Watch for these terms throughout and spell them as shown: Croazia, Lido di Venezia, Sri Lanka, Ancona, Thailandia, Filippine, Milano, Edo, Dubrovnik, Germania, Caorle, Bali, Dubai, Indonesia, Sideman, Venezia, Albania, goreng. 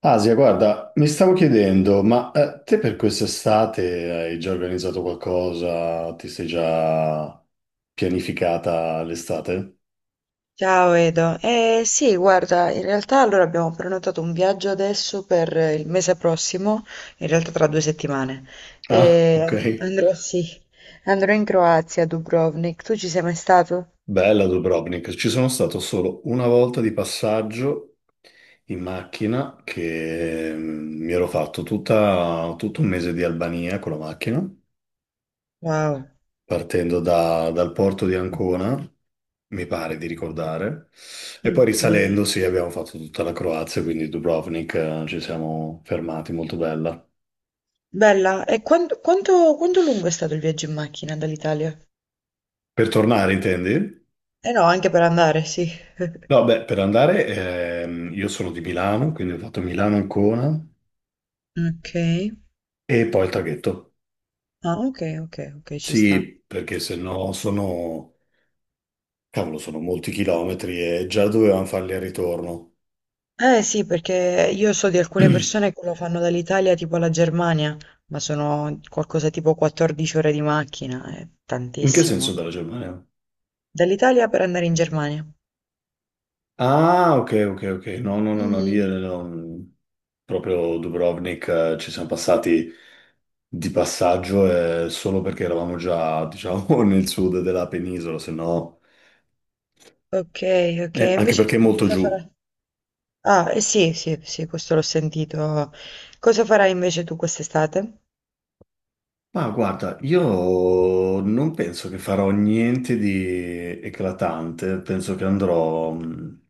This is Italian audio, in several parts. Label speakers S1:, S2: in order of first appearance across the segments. S1: Asia, guarda, mi stavo chiedendo, te per quest'estate hai già organizzato qualcosa? Ti sei già pianificata l'estate?
S2: Ciao Edo, eh sì, guarda, in realtà allora abbiamo prenotato un viaggio adesso per il mese prossimo, in realtà tra due settimane.
S1: Ah, ok.
S2: E andrò, sì, andrò in Croazia, a Dubrovnik. Tu ci sei mai stato?
S1: Bella Dubrovnik. Ci sono stato solo una volta di passaggio in macchina che mi ero fatto tutto un mese di Albania con la macchina,
S2: Wow,
S1: partendo dal porto di Ancona. Mi pare di ricordare. E poi
S2: ok.
S1: risalendo, sì, abbiamo fatto tutta la Croazia, quindi Dubrovnik, ci siamo fermati, molto bella.
S2: Bella, e quanto lungo è stato il viaggio in macchina dall'Italia?
S1: Per tornare, intendi?
S2: Eh no, anche per andare, sì.
S1: No, beh, per andare, io sono di Milano, quindi ho fatto Milano-Ancona
S2: Ok.
S1: e poi il traghetto.
S2: Ah, ok, ok, ok, ci sta.
S1: Sì, perché se no sono, cavolo, sono molti chilometri e già dovevamo farli al ritorno.
S2: Eh sì, perché io so di alcune persone che lo fanno dall'Italia tipo alla Germania, ma sono qualcosa tipo 14 ore di macchina, è
S1: In che senso
S2: tantissimo.
S1: dalla Germania?
S2: Dall'Italia per andare in Germania.
S1: Ah, ok, ok, ok. No, no, no, no, lì
S2: Mm.
S1: no, proprio Dubrovnik, ci siamo passati di passaggio solo perché eravamo già, diciamo, nel sud della penisola, se no,
S2: Ok, ok,
S1: anche
S2: invece
S1: perché
S2: tu
S1: è
S2: che
S1: molto
S2: cosa
S1: giù.
S2: farai? Ah, eh sì, sì, sì, questo l'ho sentito. Cosa farai invece tu quest'estate?
S1: Ma guarda, io non penso che farò niente di eclatante, penso che andrò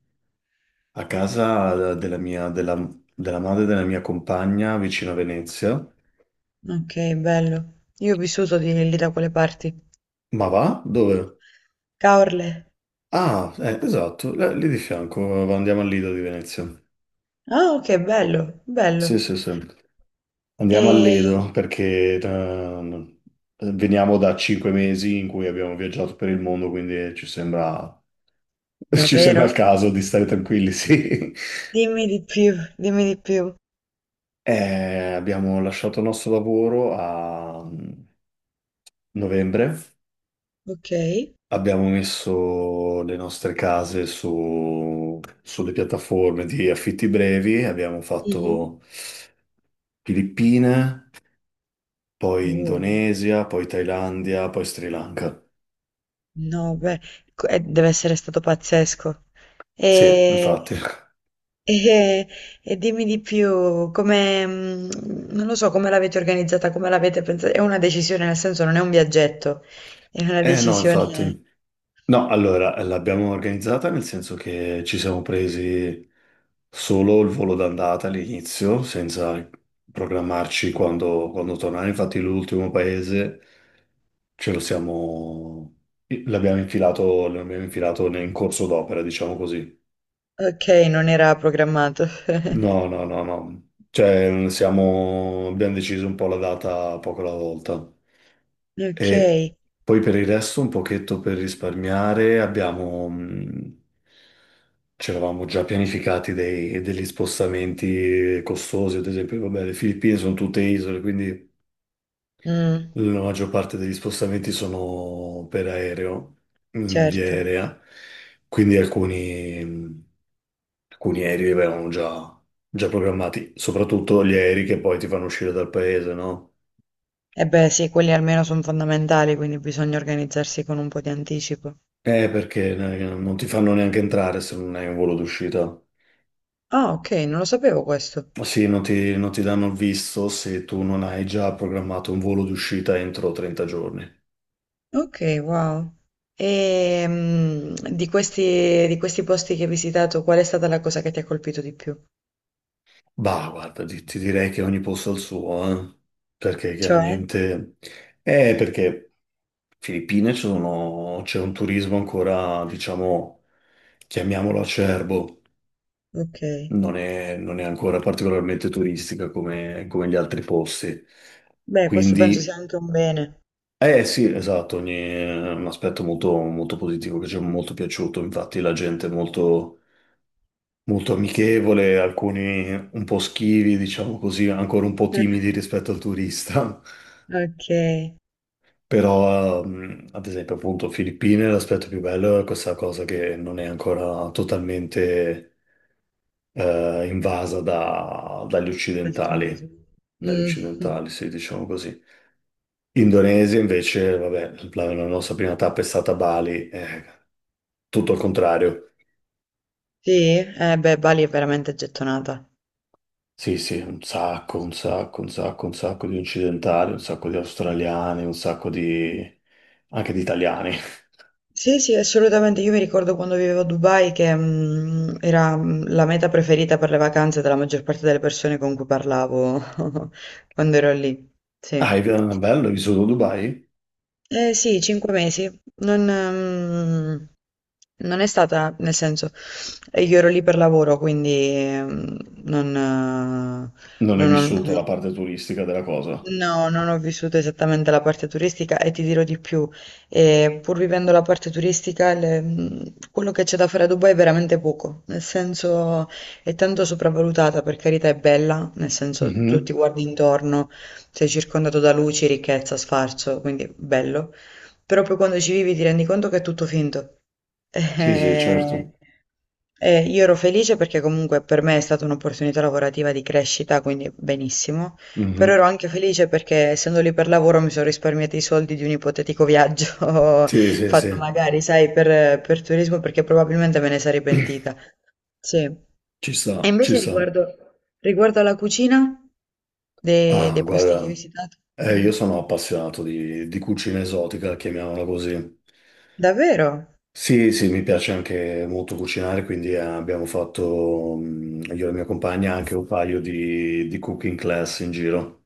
S1: a casa della mia, della madre della mia compagna vicino a Venezia.
S2: Ok, bello. Io ho vissuto di lì da quelle parti.
S1: Ma va? Dove?
S2: Caorle.
S1: Ah, esatto, lì di fianco, andiamo al Lido di Venezia.
S2: Ah, ok, bello, bello.
S1: Sì, sì, sì. Andiamo al
S2: E...
S1: Lido perché veniamo da cinque mesi in cui abbiamo viaggiato per il mondo, quindi ci sembra, ci sembra
S2: Davvero?
S1: il caso di stare tranquilli, sì.
S2: Dimmi di più, dimmi di più.
S1: Abbiamo lasciato il nostro lavoro a novembre,
S2: Ok.
S1: abbiamo messo le nostre case sulle piattaforme di affitti brevi, abbiamo
S2: Mhm.
S1: fatto... Filippine, poi
S2: Uh,
S1: Indonesia, poi Thailandia, poi Sri Lanka.
S2: no, beh, deve essere stato pazzesco.
S1: Sì,
S2: E,
S1: infatti.
S2: e- e dimmi di più, come, non lo so, come l'avete organizzata, come l'avete pensata. È una decisione, nel senso, non è un viaggetto, è una
S1: Eh no, infatti.
S2: decisione.
S1: No, allora, l'abbiamo organizzata nel senso che ci siamo presi solo il volo d'andata all'inizio, senza programmarci quando tornare. Infatti l'ultimo paese ce lo siamo... l'abbiamo infilato in corso d'opera, diciamo così.
S2: Ok, non era programmato.
S1: No, no, no, no. Cioè, siamo... abbiamo deciso un po' la data poco alla volta.
S2: Ok,
S1: E poi per il resto, un pochetto per risparmiare, abbiamo... ci eravamo già pianificati degli spostamenti costosi, ad esempio, vabbè, le Filippine sono tutte isole, quindi
S2: mm,
S1: la maggior parte degli spostamenti sono per aereo, in via
S2: certo.
S1: aerea, quindi alcuni... Alcuni aerei li avevamo già programmati, soprattutto gli aerei che poi ti fanno uscire dal paese, no?
S2: E beh, sì, quelli almeno sono fondamentali, quindi bisogna organizzarsi con un po' di anticipo.
S1: Perché non ti fanno neanche entrare se non hai un volo d'uscita.
S2: Ah, okay, non lo sapevo questo.
S1: Sì, non ti danno il visto se tu non hai già programmato un volo d'uscita entro 30 giorni.
S2: Okay, wow. Di questi posti che hai visitato, qual è stata la cosa che ti ha colpito di più?
S1: Bah, guarda, ti direi che ogni posto ha il suo, eh? Perché
S2: Cioè?
S1: chiaramente... perché Filippine c'è un turismo ancora, diciamo, chiamiamolo acerbo.
S2: Okay.
S1: Non è ancora particolarmente turistica come, come gli altri posti.
S2: Beh, questo penso
S1: Quindi,
S2: sia anche un bene.
S1: eh sì, esatto, ogni, è un aspetto molto, molto positivo che ci è molto piaciuto. Infatti, la gente è molto, molto amichevole, alcuni un po' schivi, diciamo così, ancora un po' timidi rispetto al turista.
S2: Okay,
S1: Però, ad esempio, appunto, Filippine, l'aspetto più bello è questa cosa che non è ancora totalmente invasa dagli
S2: del
S1: occidentali.
S2: turismo.
S1: Negli
S2: Mh-mh.
S1: occidentali, sì, diciamo così. Indonesia invece, vabbè, la nostra prima tappa è stata Bali, tutto al contrario.
S2: Sì? Eh beh, Bali è veramente gettonata.
S1: Sì, sì, un sacco, un sacco, un sacco, un sacco di occidentali, un sacco di australiani, un sacco di... anche di italiani.
S2: Sì, sì, assolutamente. Io mi ricordo quando vivevo a Dubai che era la meta preferita per le vacanze della maggior parte delle persone con cui parlavo quando ero lì.
S1: Ah, è
S2: Sì.
S1: bello, hai vissuto a Dubai?
S2: Eh sì, 5 mesi. Non, ehm, non è stata, nel senso, io ero lì per lavoro, quindi ehm, non,
S1: Non hai
S2: non ho-
S1: vissuto
S2: non-
S1: la parte turistica della cosa?
S2: No, non ho vissuto esattamente la parte turistica e ti dirò di più, pur vivendo la parte turistica, quello che c'è da fare a Dubai è veramente poco, nel senso è tanto sopravvalutata, per carità è bella, nel senso tu
S1: Mhm.
S2: ti guardi intorno, sei circondato da luci, ricchezza, sfarzo, quindi bello, però poi quando ci vivi ti rendi conto che è tutto finto.
S1: Sì, sì, certo.
S2: Io ero felice perché comunque per me è stata un'opportunità lavorativa di crescita, quindi benissimo. Però
S1: Mhm.
S2: ero anche felice perché essendo lì per lavoro mi sono risparmiata i soldi di un ipotetico viaggio
S1: Sì, sì, sì,
S2: fatto magari, sai, per, turismo perché probabilmente me ne sarei pentita. Sì. E
S1: ci sta, ci
S2: invece
S1: sta.
S2: riguardo alla cucina de-
S1: Ah,
S2: dei, posti che hai
S1: guarda.
S2: visitato?
S1: Io
S2: Mhm.
S1: sono appassionato di cucina esotica, chiamiamola così.
S2: Davvero?
S1: Sì, sì, mi piace anche molto cucinare, quindi abbiamo fatto, io e la mia compagna, anche un paio di cooking class in giro.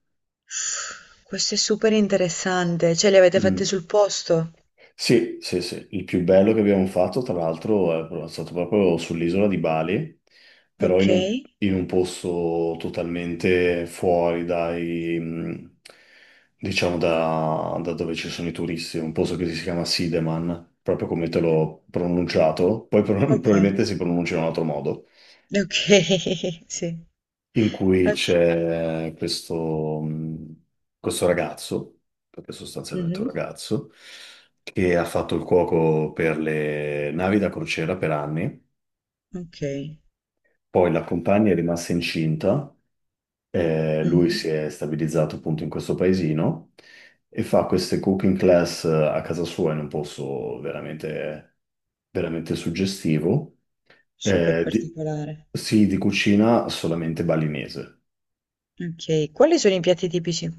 S2: Questo è super interessante. Cioè, li avete fatti
S1: Mm.
S2: sul posto?
S1: Sì, sì, sì. Il più bello che abbiamo fatto, tra l'altro, è stato proprio sull'isola di Bali, però
S2: Ok.
S1: in un posto totalmente fuori dai, diciamo, da dove ci sono i turisti, un posto che si chiama Sideman, proprio come te l'ho pronunciato, poi
S2: Ok.
S1: probabilmente si pronuncia in un altro modo
S2: Ok. Sì.
S1: in cui
S2: Ok.
S1: c'è questo, questo ragazzo, perché sostanzialmente è un
S2: Mhm.
S1: ragazzo, che ha fatto il cuoco per le navi da crociera per anni,
S2: Ok.
S1: poi la compagna è rimasta incinta, lui
S2: Mhm.
S1: si è stabilizzato appunto in questo paesino e fa queste cooking class a casa sua in un posto veramente, veramente suggestivo,
S2: Super
S1: eh, di-
S2: particolare.
S1: sì, di cucina solamente balinese.
S2: Okay. Quali sono i piatti tipici?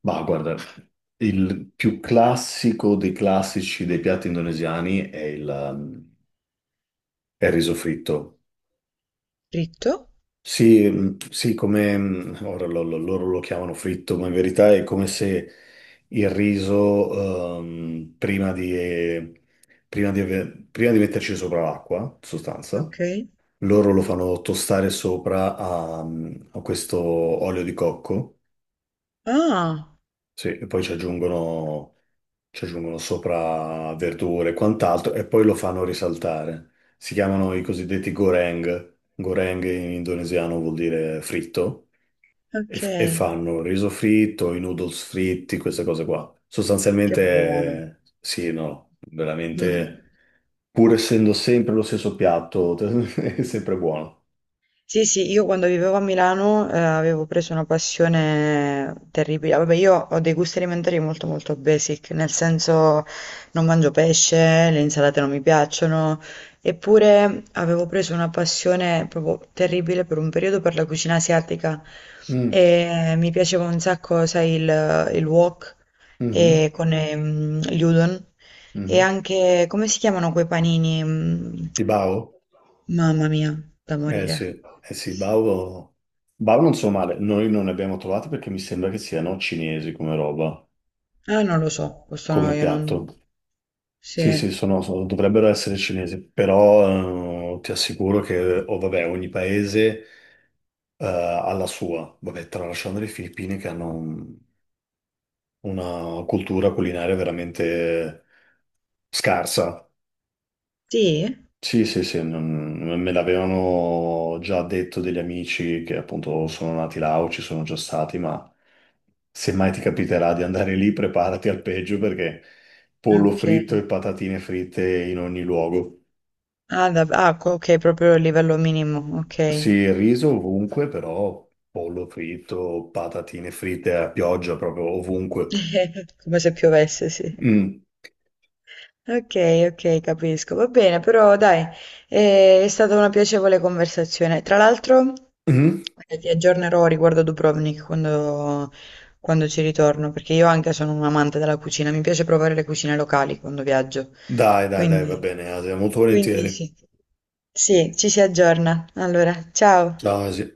S1: Ma guarda, il più classico dei classici dei piatti indonesiani è il, è il riso fritto.
S2: Fritto?
S1: Sì, mm, sì, come mm, ora loro lo chiamano fritto, ma in verità è come se il riso, prima di, prima di prima di metterci sopra l'acqua, in sostanza,
S2: Okay.
S1: loro lo fanno tostare sopra a questo olio di cocco,
S2: Ah,
S1: sì, e poi ci aggiungono sopra verdure e quant'altro e poi lo fanno risaltare. Si chiamano i cosiddetti goreng. Goreng in indonesiano vuol dire fritto e, e
S2: okay,
S1: fanno il riso fritto, i noodles fritti, queste cose qua.
S2: che buono.
S1: Sostanzialmente, sì, e no,
S2: Mh-mh.
S1: veramente, pur essendo sempre lo stesso piatto, è sempre buono.
S2: Sì, sì, io quando vivevo a Milano avevo preso una passione terribile. Vabbè, io ho dei gusti alimentari molto molto basic, nel senso non mangio pesce, le insalate non mi piacciono, eppure avevo preso una passione proprio terribile per un periodo per la cucina asiatica
S1: Mm,
S2: e mi piaceva un sacco, sai, il, wok
S1: mhm,
S2: e con gli udon. E
S1: mhm.
S2: anche, come si chiamano quei panini?
S1: I bao?
S2: Mamma mia, da
S1: Eh
S2: morire.
S1: sì, eh sì, Bao, Bao non so male, noi non ne abbiamo trovati perché mi sembra che siano cinesi come roba,
S2: Ah, non lo so, questo no,
S1: come
S2: io non...
S1: piatto.
S2: Sì.
S1: Sì, sì, dovrebbero essere cinesi, però ti assicuro che oh, vabbè, ogni paese ha la sua, vabbè, tralasciando le Filippine che hanno una cultura culinaria veramente scarsa.
S2: Sì?
S1: Sì, sì, sì, me l'avevano già detto degli amici che appunto sono nati là o ci sono già stati, ma se mai ti capiterà di andare lì, preparati al peggio perché pollo
S2: Ok.
S1: fritto e patatine fritte in ogni luogo.
S2: Ah, ok, proprio il livello minimo,
S1: Sì,
S2: ok.
S1: il riso ovunque, però pollo fritto, patatine fritte a pioggia proprio ovunque.
S2: Come se piovesse, sì.
S1: Mm.
S2: Ok, ok, capisco. Va bene, però dai, è stata una piacevole conversazione. Tra l'altro,
S1: Mm.
S2: ti aggiornerò riguardo Dubrovnik quando ci ritorno, perché io anche sono un amante della cucina, mi piace provare le cucine locali quando viaggio.
S1: Dai, dai, dai, va
S2: Quindi,
S1: bene, Asia, molto
S2: quindi
S1: volentieri.
S2: sì. Sì, ci si aggiorna. Allora, ciao.
S1: Ciao, Asia.